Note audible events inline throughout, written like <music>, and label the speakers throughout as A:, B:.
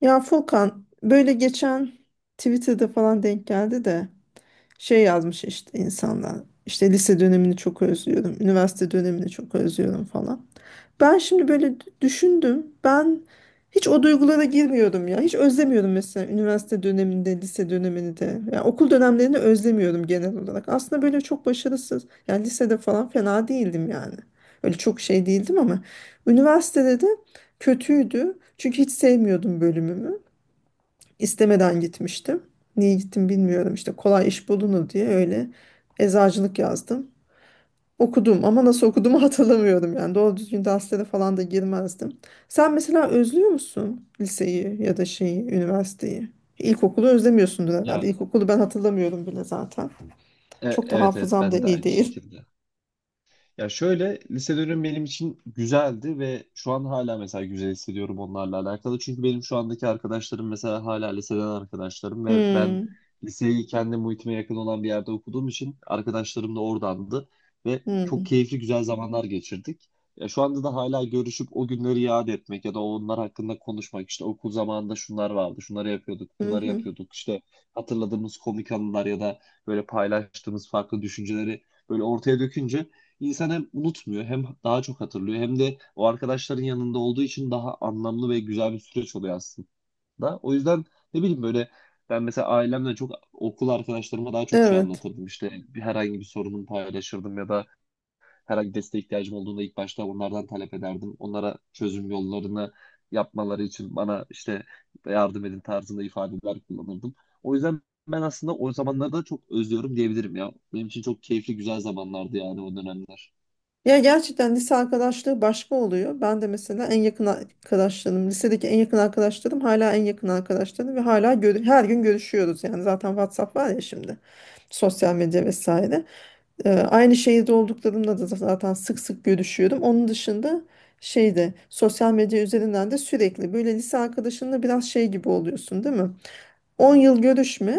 A: Ya Furkan böyle geçen Twitter'da falan denk geldi de şey yazmış işte insanlar. İşte lise dönemini çok özlüyorum, üniversite dönemini çok özlüyorum falan. Ben şimdi böyle düşündüm. Ben hiç o duygulara girmiyordum ya. Hiç özlemiyordum mesela üniversite döneminde, lise dönemini de. Yani okul dönemlerini özlemiyordum genel olarak. Aslında böyle çok başarısız. Yani lisede falan fena değildim yani. Öyle çok şey değildim ama üniversitede de kötüydü. Çünkü hiç sevmiyordum bölümümü. İstemeden gitmiştim. Niye gittim bilmiyorum işte kolay iş bulunur diye öyle eczacılık yazdım. Okudum ama nasıl okuduğumu <laughs> hatırlamıyorum yani doğru düzgün derslere falan da girmezdim. Sen mesela özlüyor musun liseyi ya da şeyi, üniversiteyi? İlkokulu özlemiyorsundur herhalde.
B: Ya
A: İlkokulu ben hatırlamıyorum bile zaten. Çok da
B: evet evet,
A: hafızam da
B: bende de
A: iyi
B: aynı
A: değil.
B: şekilde. Ya şöyle, lise dönemi benim için güzeldi ve şu an hala mesela güzel hissediyorum onlarla alakalı. Çünkü benim şu andaki arkadaşlarım mesela hala liseden arkadaşlarım
A: <laughs>
B: ve ben
A: Hmm.
B: liseyi kendi muhitime yakın olan bir yerde okuduğum için arkadaşlarım da oradandı ve çok
A: Hmm.
B: keyifli güzel zamanlar geçirdik. Ya şu anda da hala görüşüp o günleri yad etmek ya da onlar hakkında konuşmak, işte okul zamanında şunlar vardı, şunları yapıyorduk,
A: Hı
B: bunları
A: hı.
B: yapıyorduk işte, hatırladığımız komik anılar ya da böyle paylaştığımız farklı düşünceleri böyle ortaya dökünce İnsan hem unutmuyor hem daha çok hatırlıyor hem de o arkadaşların yanında olduğu için daha anlamlı ve güzel bir süreç oluyor aslında. O yüzden ne bileyim, böyle ben mesela ailemle çok, okul arkadaşlarıma daha çok şey
A: Evet.
B: anlatırdım. İşte herhangi bir sorunumu paylaşırdım ya da herhangi desteğe ihtiyacım olduğunda ilk başta onlardan talep ederdim. Onlara çözüm yollarını yapmaları için bana işte yardım edin tarzında ifadeler kullanırdım. O yüzden ben aslında o zamanları da çok özlüyorum diyebilirim ya. Benim için çok keyifli güzel zamanlardı yani o dönemler.
A: Ya gerçekten lise arkadaşlığı başka oluyor. Ben de mesela en yakın arkadaşlarım, lisedeki en yakın arkadaşlarım hala en yakın arkadaşlarım ve hala her gün görüşüyoruz. Yani zaten WhatsApp var ya şimdi. Sosyal medya vesaire. Aynı şehirde olduklarımla da zaten sık sık görüşüyorum. Onun dışında şeyde sosyal medya üzerinden de sürekli böyle lise arkadaşınla biraz şey gibi oluyorsun, değil mi? 10 yıl görüşme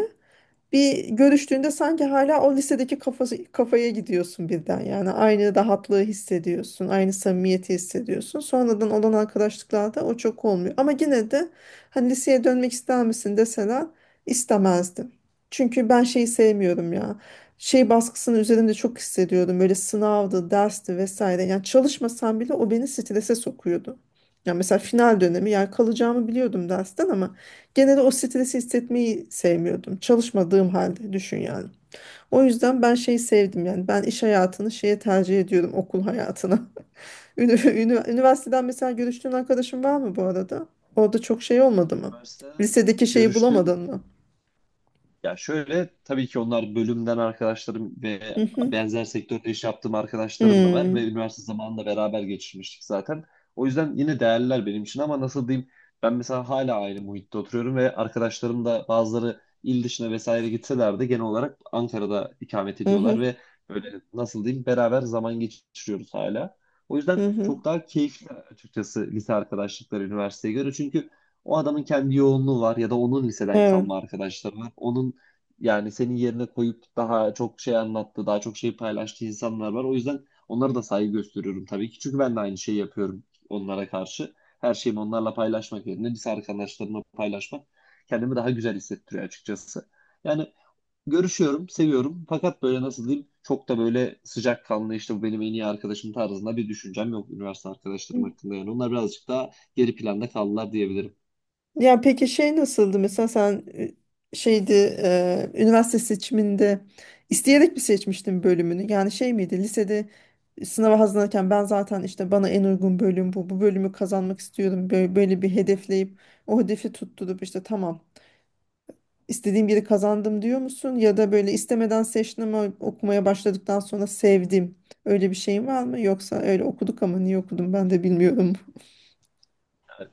A: bir görüştüğünde sanki hala o lisedeki kafası, kafaya gidiyorsun birden yani aynı rahatlığı hissediyorsun aynı samimiyeti hissediyorsun sonradan olan arkadaşlıklarda o çok olmuyor ama yine de hani liseye dönmek ister misin deseler istemezdim çünkü ben şeyi sevmiyorum ya şey baskısını üzerimde çok hissediyordum böyle sınavdı dersti vesaire yani çalışmasam bile o beni strese sokuyordu. Ya mesela final dönemi yani kalacağımı biliyordum dersten ama genelde o stresi hissetmeyi sevmiyordum. Çalışmadığım halde düşün yani. O yüzden ben şeyi sevdim yani ben iş hayatını şeye tercih ediyorum okul hayatına. <laughs> Üniversiteden mesela görüştüğün arkadaşın var mı bu arada? Orada çok şey olmadı mı?
B: Üniversiteden
A: Lisedeki şeyi
B: görüştüğüm,
A: bulamadın mı?
B: ya şöyle, tabii ki onlar bölümden arkadaşlarım ve
A: Hı hı.
B: benzer sektörde iş yaptığım arkadaşlarım da var ve
A: Hmm.
B: üniversite zamanında beraber geçirmiştik zaten. O yüzden yine değerliler benim için, ama nasıl diyeyim, ben mesela hala aynı muhitte oturuyorum ve arkadaşlarım da, bazıları il dışına vesaire gitseler de, genel olarak Ankara'da ikamet
A: Hı hı.
B: ediyorlar ve böyle, nasıl diyeyim, beraber zaman geçiriyoruz hala. O yüzden
A: Hı hı.
B: çok daha keyifli açıkçası lise arkadaşlıkları üniversiteye göre. Çünkü o adamın kendi yoğunluğu var ya da onun liseden
A: Evet.
B: kalma arkadaşları var. Onun, yani senin yerine koyup daha çok şey anlattı, daha çok şey paylaştığı insanlar var. O yüzden onlara da saygı gösteriyorum tabii ki. Çünkü ben de aynı şeyi yapıyorum onlara karşı. Her şeyimi onlarla paylaşmak yerine lise arkadaşlarımla paylaşmak kendimi daha güzel hissettiriyor açıkçası. Yani görüşüyorum, seviyorum. Fakat böyle, nasıl diyeyim, çok da böyle sıcakkanlı, işte bu benim en iyi arkadaşım tarzında bir düşüncem yok üniversite arkadaşlarım hakkında. Yani onlar birazcık daha geri planda kaldılar diyebilirim.
A: Ya peki şey nasıldı mesela sen şeydi, üniversite seçiminde isteyerek mi seçmiştin bölümünü? Yani şey miydi lisede sınava hazırlanırken ben zaten işte bana en uygun bölüm bu bölümü kazanmak istiyorum böyle bir hedefleyip o hedefi tutturup işte tamam istediğim yeri kazandım diyor musun? Ya da böyle istemeden seçtim ama okumaya başladıktan sonra sevdim öyle bir şeyin var mı? Yoksa öyle okuduk ama niye okudum ben de bilmiyorum.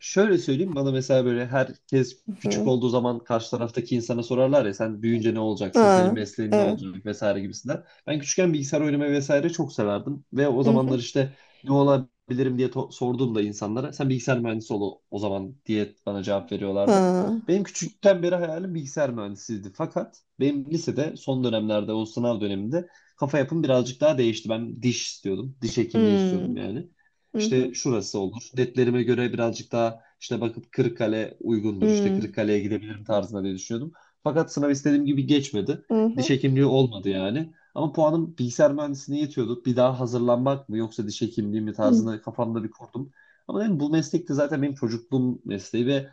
B: Şöyle söyleyeyim, bana mesela, böyle herkes
A: <laughs>
B: küçük
A: Hı.
B: olduğu zaman karşı taraftaki insana sorarlar ya, sen büyüyünce ne olacaksın, senin
A: Ha,
B: mesleğin ne
A: evet.
B: olacak vesaire gibisinden. Ben küçükken bilgisayar oynamayı vesaire çok severdim ve o
A: Hı hı.
B: zamanlar işte ne olabilirim diye sorduğumda insanlara, sen bilgisayar mühendisi ol o o zaman diye bana cevap veriyorlardı.
A: Ha.
B: Benim küçükten beri hayalim bilgisayar mühendisiydi. Fakat benim lisede son dönemlerde, o sınav döneminde kafa yapım birazcık daha değişti. Ben diş istiyordum. Diş hekimliği istiyordum
A: Hmm.
B: yani.
A: Hı hı.
B: İşte şurası olur, netlerime göre birazcık daha işte bakıp Kırıkkale uygundur, İşte
A: Hmm.
B: Kırıkkale'ye gidebilirim tarzında diye düşünüyordum. Fakat sınav istediğim gibi geçmedi.
A: Hı
B: Diş
A: hı.
B: hekimliği olmadı yani. Ama puanım bilgisayar mühendisliğine yetiyordu. Bir daha hazırlanmak mı yoksa diş hekimliği mi
A: Hı
B: tarzında kafamda bir kurdum. Ama dedim, bu meslek de zaten benim çocukluğum mesleği ve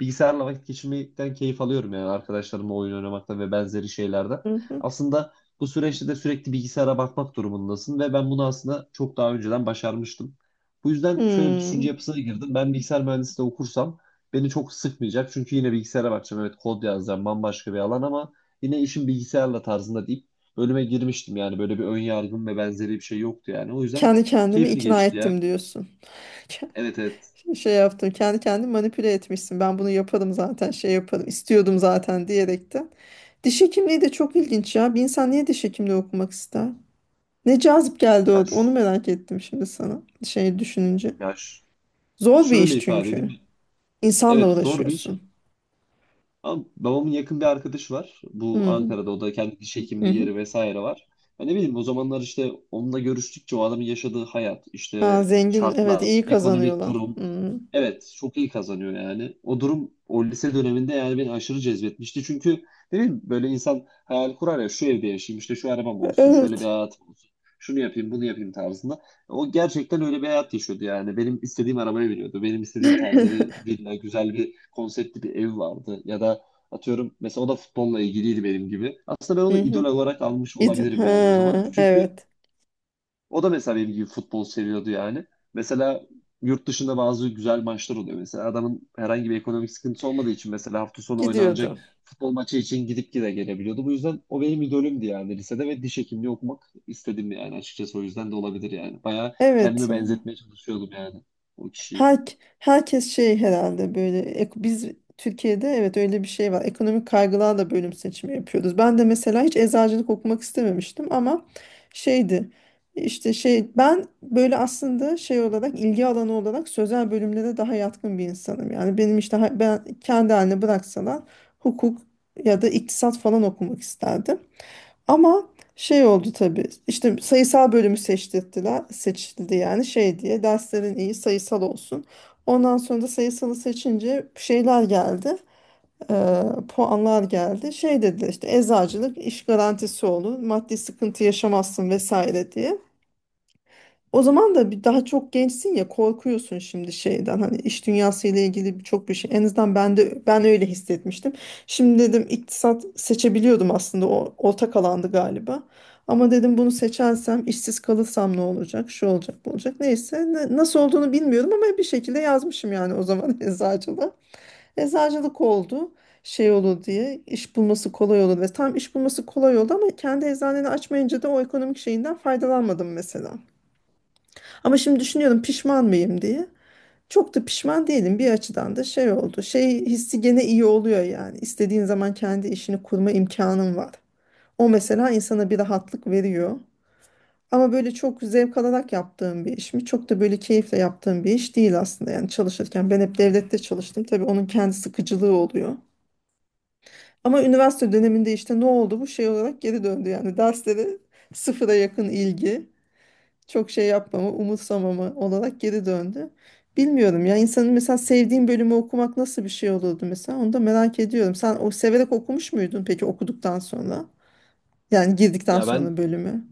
B: bilgisayarla vakit geçirmekten keyif alıyorum yani, arkadaşlarımla oyun oynamaktan ve benzeri şeylerden.
A: hı.
B: Aslında bu süreçte de sürekli bilgisayara bakmak durumundasın ve ben bunu aslında çok daha önceden başarmıştım. Bu yüzden şöyle bir düşünce
A: Hmm.
B: yapısına girdim. Ben bilgisayar mühendisliği okursam beni çok sıkmayacak. Çünkü yine bilgisayara bakacağım. Evet, kod yazacağım, bambaşka bir alan, ama yine işim bilgisayarla tarzında deyip bölüme girmiştim. Yani böyle bir ön yargım ve benzeri bir şey yoktu yani. O yüzden
A: Kendi kendimi
B: keyifli
A: ikna
B: geçti ya.
A: ettim diyorsun. <laughs> Ke-
B: Evet, evet.
A: Şey yaptım. Kendi kendimi manipüle etmişsin. Ben bunu yaparım zaten. Şey yaparım, istiyordum zaten diyerekten. Diş hekimliği de çok ilginç ya. Bir insan niye diş hekimliği okumak ister? Ne cazip geldi
B: Ya,
A: o.
B: ş-
A: Onu merak ettim şimdi sana. Şey düşününce.
B: ya ş-
A: Zor bir
B: Şöyle
A: iş
B: ifade
A: çünkü.
B: edeyim.
A: İnsanla
B: Evet, zor bir iş.
A: uğraşıyorsun.
B: Ama babamın yakın bir arkadaşı var. Bu
A: Hmm.
B: Ankara'da o da kendi diş
A: Hı
B: hekimliği
A: hı.
B: yeri vesaire var. Ya ne bileyim, o zamanlar işte onunla görüştükçe, o adamın yaşadığı hayat,
A: Ha,
B: işte
A: zengin, evet
B: şartlar,
A: iyi
B: ekonomik
A: kazanıyorlar.
B: durum.
A: Hmm.
B: Evet çok iyi kazanıyor yani. O durum o lise döneminde yani beni aşırı cezbetmişti. Çünkü ne bileyim, böyle insan hayal kurar ya, şu evde yaşayayım, işte şu arabam olsun, şöyle bir
A: Evet.
B: hayatım olsun. Şunu yapayım, bunu yapayım tarzında. O gerçekten öyle bir hayat yaşıyordu yani. Benim istediğim arabayı veriyordu. Benim istediğim tarzda bir
A: <laughs>
B: villa, güzel bir konseptli bir ev vardı. Ya da atıyorum, mesela o da futbolla ilgiliydi benim gibi. Aslında ben onu
A: Hı
B: idol
A: hı.
B: olarak almış
A: Ha,
B: olabilirim yani o zaman. Çünkü
A: evet.
B: o da mesela benim gibi futbol seviyordu yani. Mesela yurt dışında bazı güzel maçlar oluyor. Mesela adamın herhangi bir ekonomik sıkıntısı olmadığı için, mesela hafta sonu oynanacak
A: Gidiyordu.
B: futbol maçı için gidip gide gelebiliyordu. Bu yüzden o benim idolümdü yani lisede ve diş hekimliği okumak istedim yani açıkçası, o yüzden de olabilir yani. Bayağı
A: Evet,
B: kendimi
A: ya.
B: benzetmeye çalışıyordum yani o kişiyi.
A: Her, herkes şey herhalde böyle biz Türkiye'de evet öyle bir şey var. Ekonomik kaygılarla bölüm seçimi yapıyoruz. Ben de mesela hiç eczacılık okumak istememiştim ama şeydi işte şey ben böyle aslında şey olarak ilgi alanı olarak sözel bölümlere daha yatkın bir insanım. Yani benim işte ben kendi haline bıraksalar hukuk ya da iktisat falan okumak isterdim. Ama şey oldu tabii. İşte sayısal bölümü seçtirdiler. Seçildi yani şey diye. Derslerin iyi sayısal olsun. Ondan sonra da sayısalı seçince şeyler geldi. eee, Puanlar geldi. Şey dediler işte eczacılık iş garantisi olur. Maddi sıkıntı yaşamazsın vesaire diye. O zaman da bir daha çok gençsin ya korkuyorsun şimdi şeyden hani iş dünyası ile ilgili birçok bir şey. En azından ben de ben öyle hissetmiştim. Şimdi dedim iktisat seçebiliyordum aslında o ortak alandı galiba. Ama dedim bunu seçersem işsiz kalırsam ne olacak? Şu olacak, bu olacak. Neyse nasıl olduğunu bilmiyorum ama bir şekilde yazmışım yani o zaman <laughs> eczacılık. Eczacılık oldu şey olur diye iş bulması kolay olur ve tam iş bulması kolay oldu ama kendi eczaneni açmayınca da o ekonomik şeyinden faydalanmadım mesela. Ama şimdi
B: Hmm,
A: düşünüyorum
B: evet.
A: pişman mıyım diye. Çok da pişman değilim bir açıdan da şey oldu. Şey hissi gene iyi oluyor yani. İstediğin zaman kendi işini kurma imkanın var. O mesela insana bir rahatlık veriyor. Ama böyle çok zevk alarak yaptığım bir iş mi? Çok da böyle keyifle yaptığım bir iş değil aslında yani çalışırken. Ben hep devlette çalıştım. Tabii onun kendi sıkıcılığı oluyor. Ama üniversite döneminde işte ne oldu bu şey olarak geri döndü yani derslere sıfıra yakın ilgi, çok şey yapmama, umutsamama olarak geri döndü. Bilmiyorum ya insanın mesela sevdiğin bölümü okumak nasıl bir şey olurdu mesela onu da merak ediyorum. Sen o severek okumuş muydun peki okuduktan sonra? Yani girdikten
B: Ya ben
A: sonra bölümü.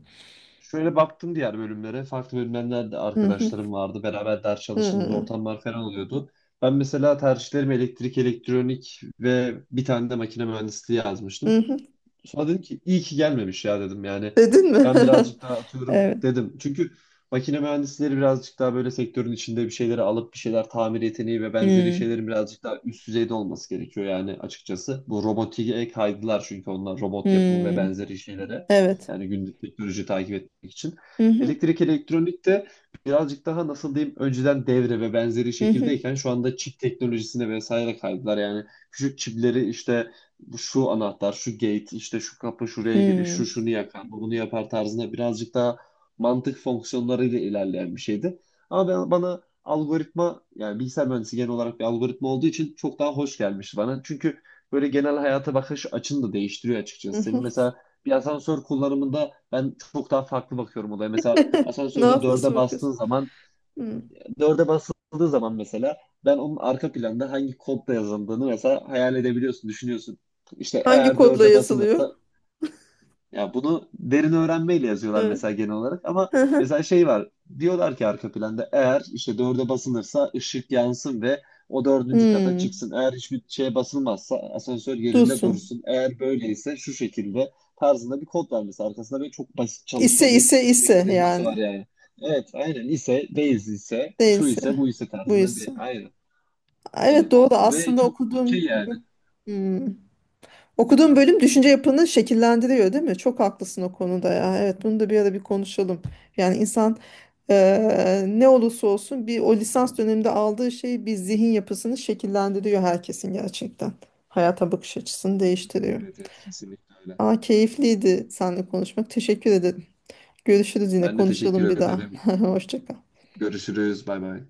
B: şöyle baktım diğer bölümlere. Farklı bölümlerden de
A: Hı hı.
B: arkadaşlarım vardı. Beraber ders çalıştığımız ortamlar falan oluyordu. Ben mesela tercihlerimi elektrik, elektronik ve bir tane de makine mühendisliği
A: Hı
B: yazmıştım.
A: hı.
B: Sonra dedim ki iyi ki gelmemiş ya, dedim yani.
A: Dedin mi?
B: Ben
A: <laughs>
B: birazcık daha atıyorum,
A: Evet.
B: dedim. Çünkü makine mühendisleri birazcık daha böyle sektörün içinde bir şeyleri alıp bir şeyler tamir yeteneği ve
A: Hı
B: benzeri
A: hı.
B: şeylerin birazcık daha üst düzeyde olması gerekiyor yani açıkçası. Bu robotiğe kaydılar çünkü onlar robot yapımı ve benzeri şeylere.
A: Evet.
B: Yani günlük teknoloji takip etmek için.
A: Hı hı.
B: Elektrik elektronik de birazcık daha, nasıl diyeyim, önceden devre ve benzeri
A: Hı hı.
B: şekildeyken şu anda çip teknolojisine vesaire kaydılar. Yani küçük çipleri işte, bu şu anahtar, şu gate, işte şu kapı
A: Hı
B: şuraya girir, şu şunu yakar, bu bunu yapar tarzında, birazcık daha mantık fonksiyonlarıyla ilerleyen bir şeydi. Ama ben, bana algoritma, yani bilgisayar mühendisi genel olarak bir algoritma olduğu için çok daha hoş gelmişti bana. Çünkü böyle genel hayata bakış açını da değiştiriyor
A: hı.
B: açıkçası. Senin
A: Hı.
B: mesela bir asansör kullanımında ben çok daha farklı bakıyorum olaya. Mesela
A: <laughs>
B: asansörde
A: Nasıl, nasıl
B: dörde bastığın
A: bakıyorsun?
B: zaman,
A: Hı.
B: dörde basıldığı zaman mesela, ben onun arka planda hangi kodla yazıldığını mesela hayal edebiliyorsun, düşünüyorsun. İşte
A: Hangi
B: eğer
A: kodla
B: dörde
A: yazılıyor?
B: basılırsa, ya bunu derin öğrenmeyle yazıyorlar
A: Hı
B: mesela genel olarak, ama
A: hı. Hı.
B: mesela şey var, diyorlar ki arka planda eğer işte dörde basılırsa ışık yansın ve o dördüncü kata
A: Hı.
B: çıksın. Eğer hiçbir şeye basılmazsa asansör yerinde
A: Dursun.
B: dursun. Eğer böyleyse şu şekilde tarzında bir kod var mesela arkasında, böyle çok basit
A: İse,
B: çalışma bir
A: ise, ise
B: mekanizması var
A: yani
B: yani. Evet aynen, ise değiliz ise şu ise
A: değilse,
B: bu ise tarzında bir,
A: buysa.
B: aynen aynen
A: Evet doğru
B: ve
A: aslında
B: çok okey
A: okuduğum,
B: yani.
A: hmm, okuduğum bölüm düşünce yapını şekillendiriyor değil mi? Çok haklısın o konuda ya. Evet bunu da bir ara bir konuşalım. Yani insan, ne olursa olsun bir o lisans döneminde aldığı şey bir zihin yapısını şekillendiriyor herkesin gerçekten. Hayata bakış açısını değiştiriyor.
B: Evet, evet, kesinlikle öyle.
A: Aa keyifliydi seninle konuşmak. Teşekkür ederim. Görüşürüz, yine
B: Ben de
A: konuşalım
B: teşekkür
A: bir daha.
B: ederim.
A: <laughs> Hoşça kal.
B: Görüşürüz. Bay bay.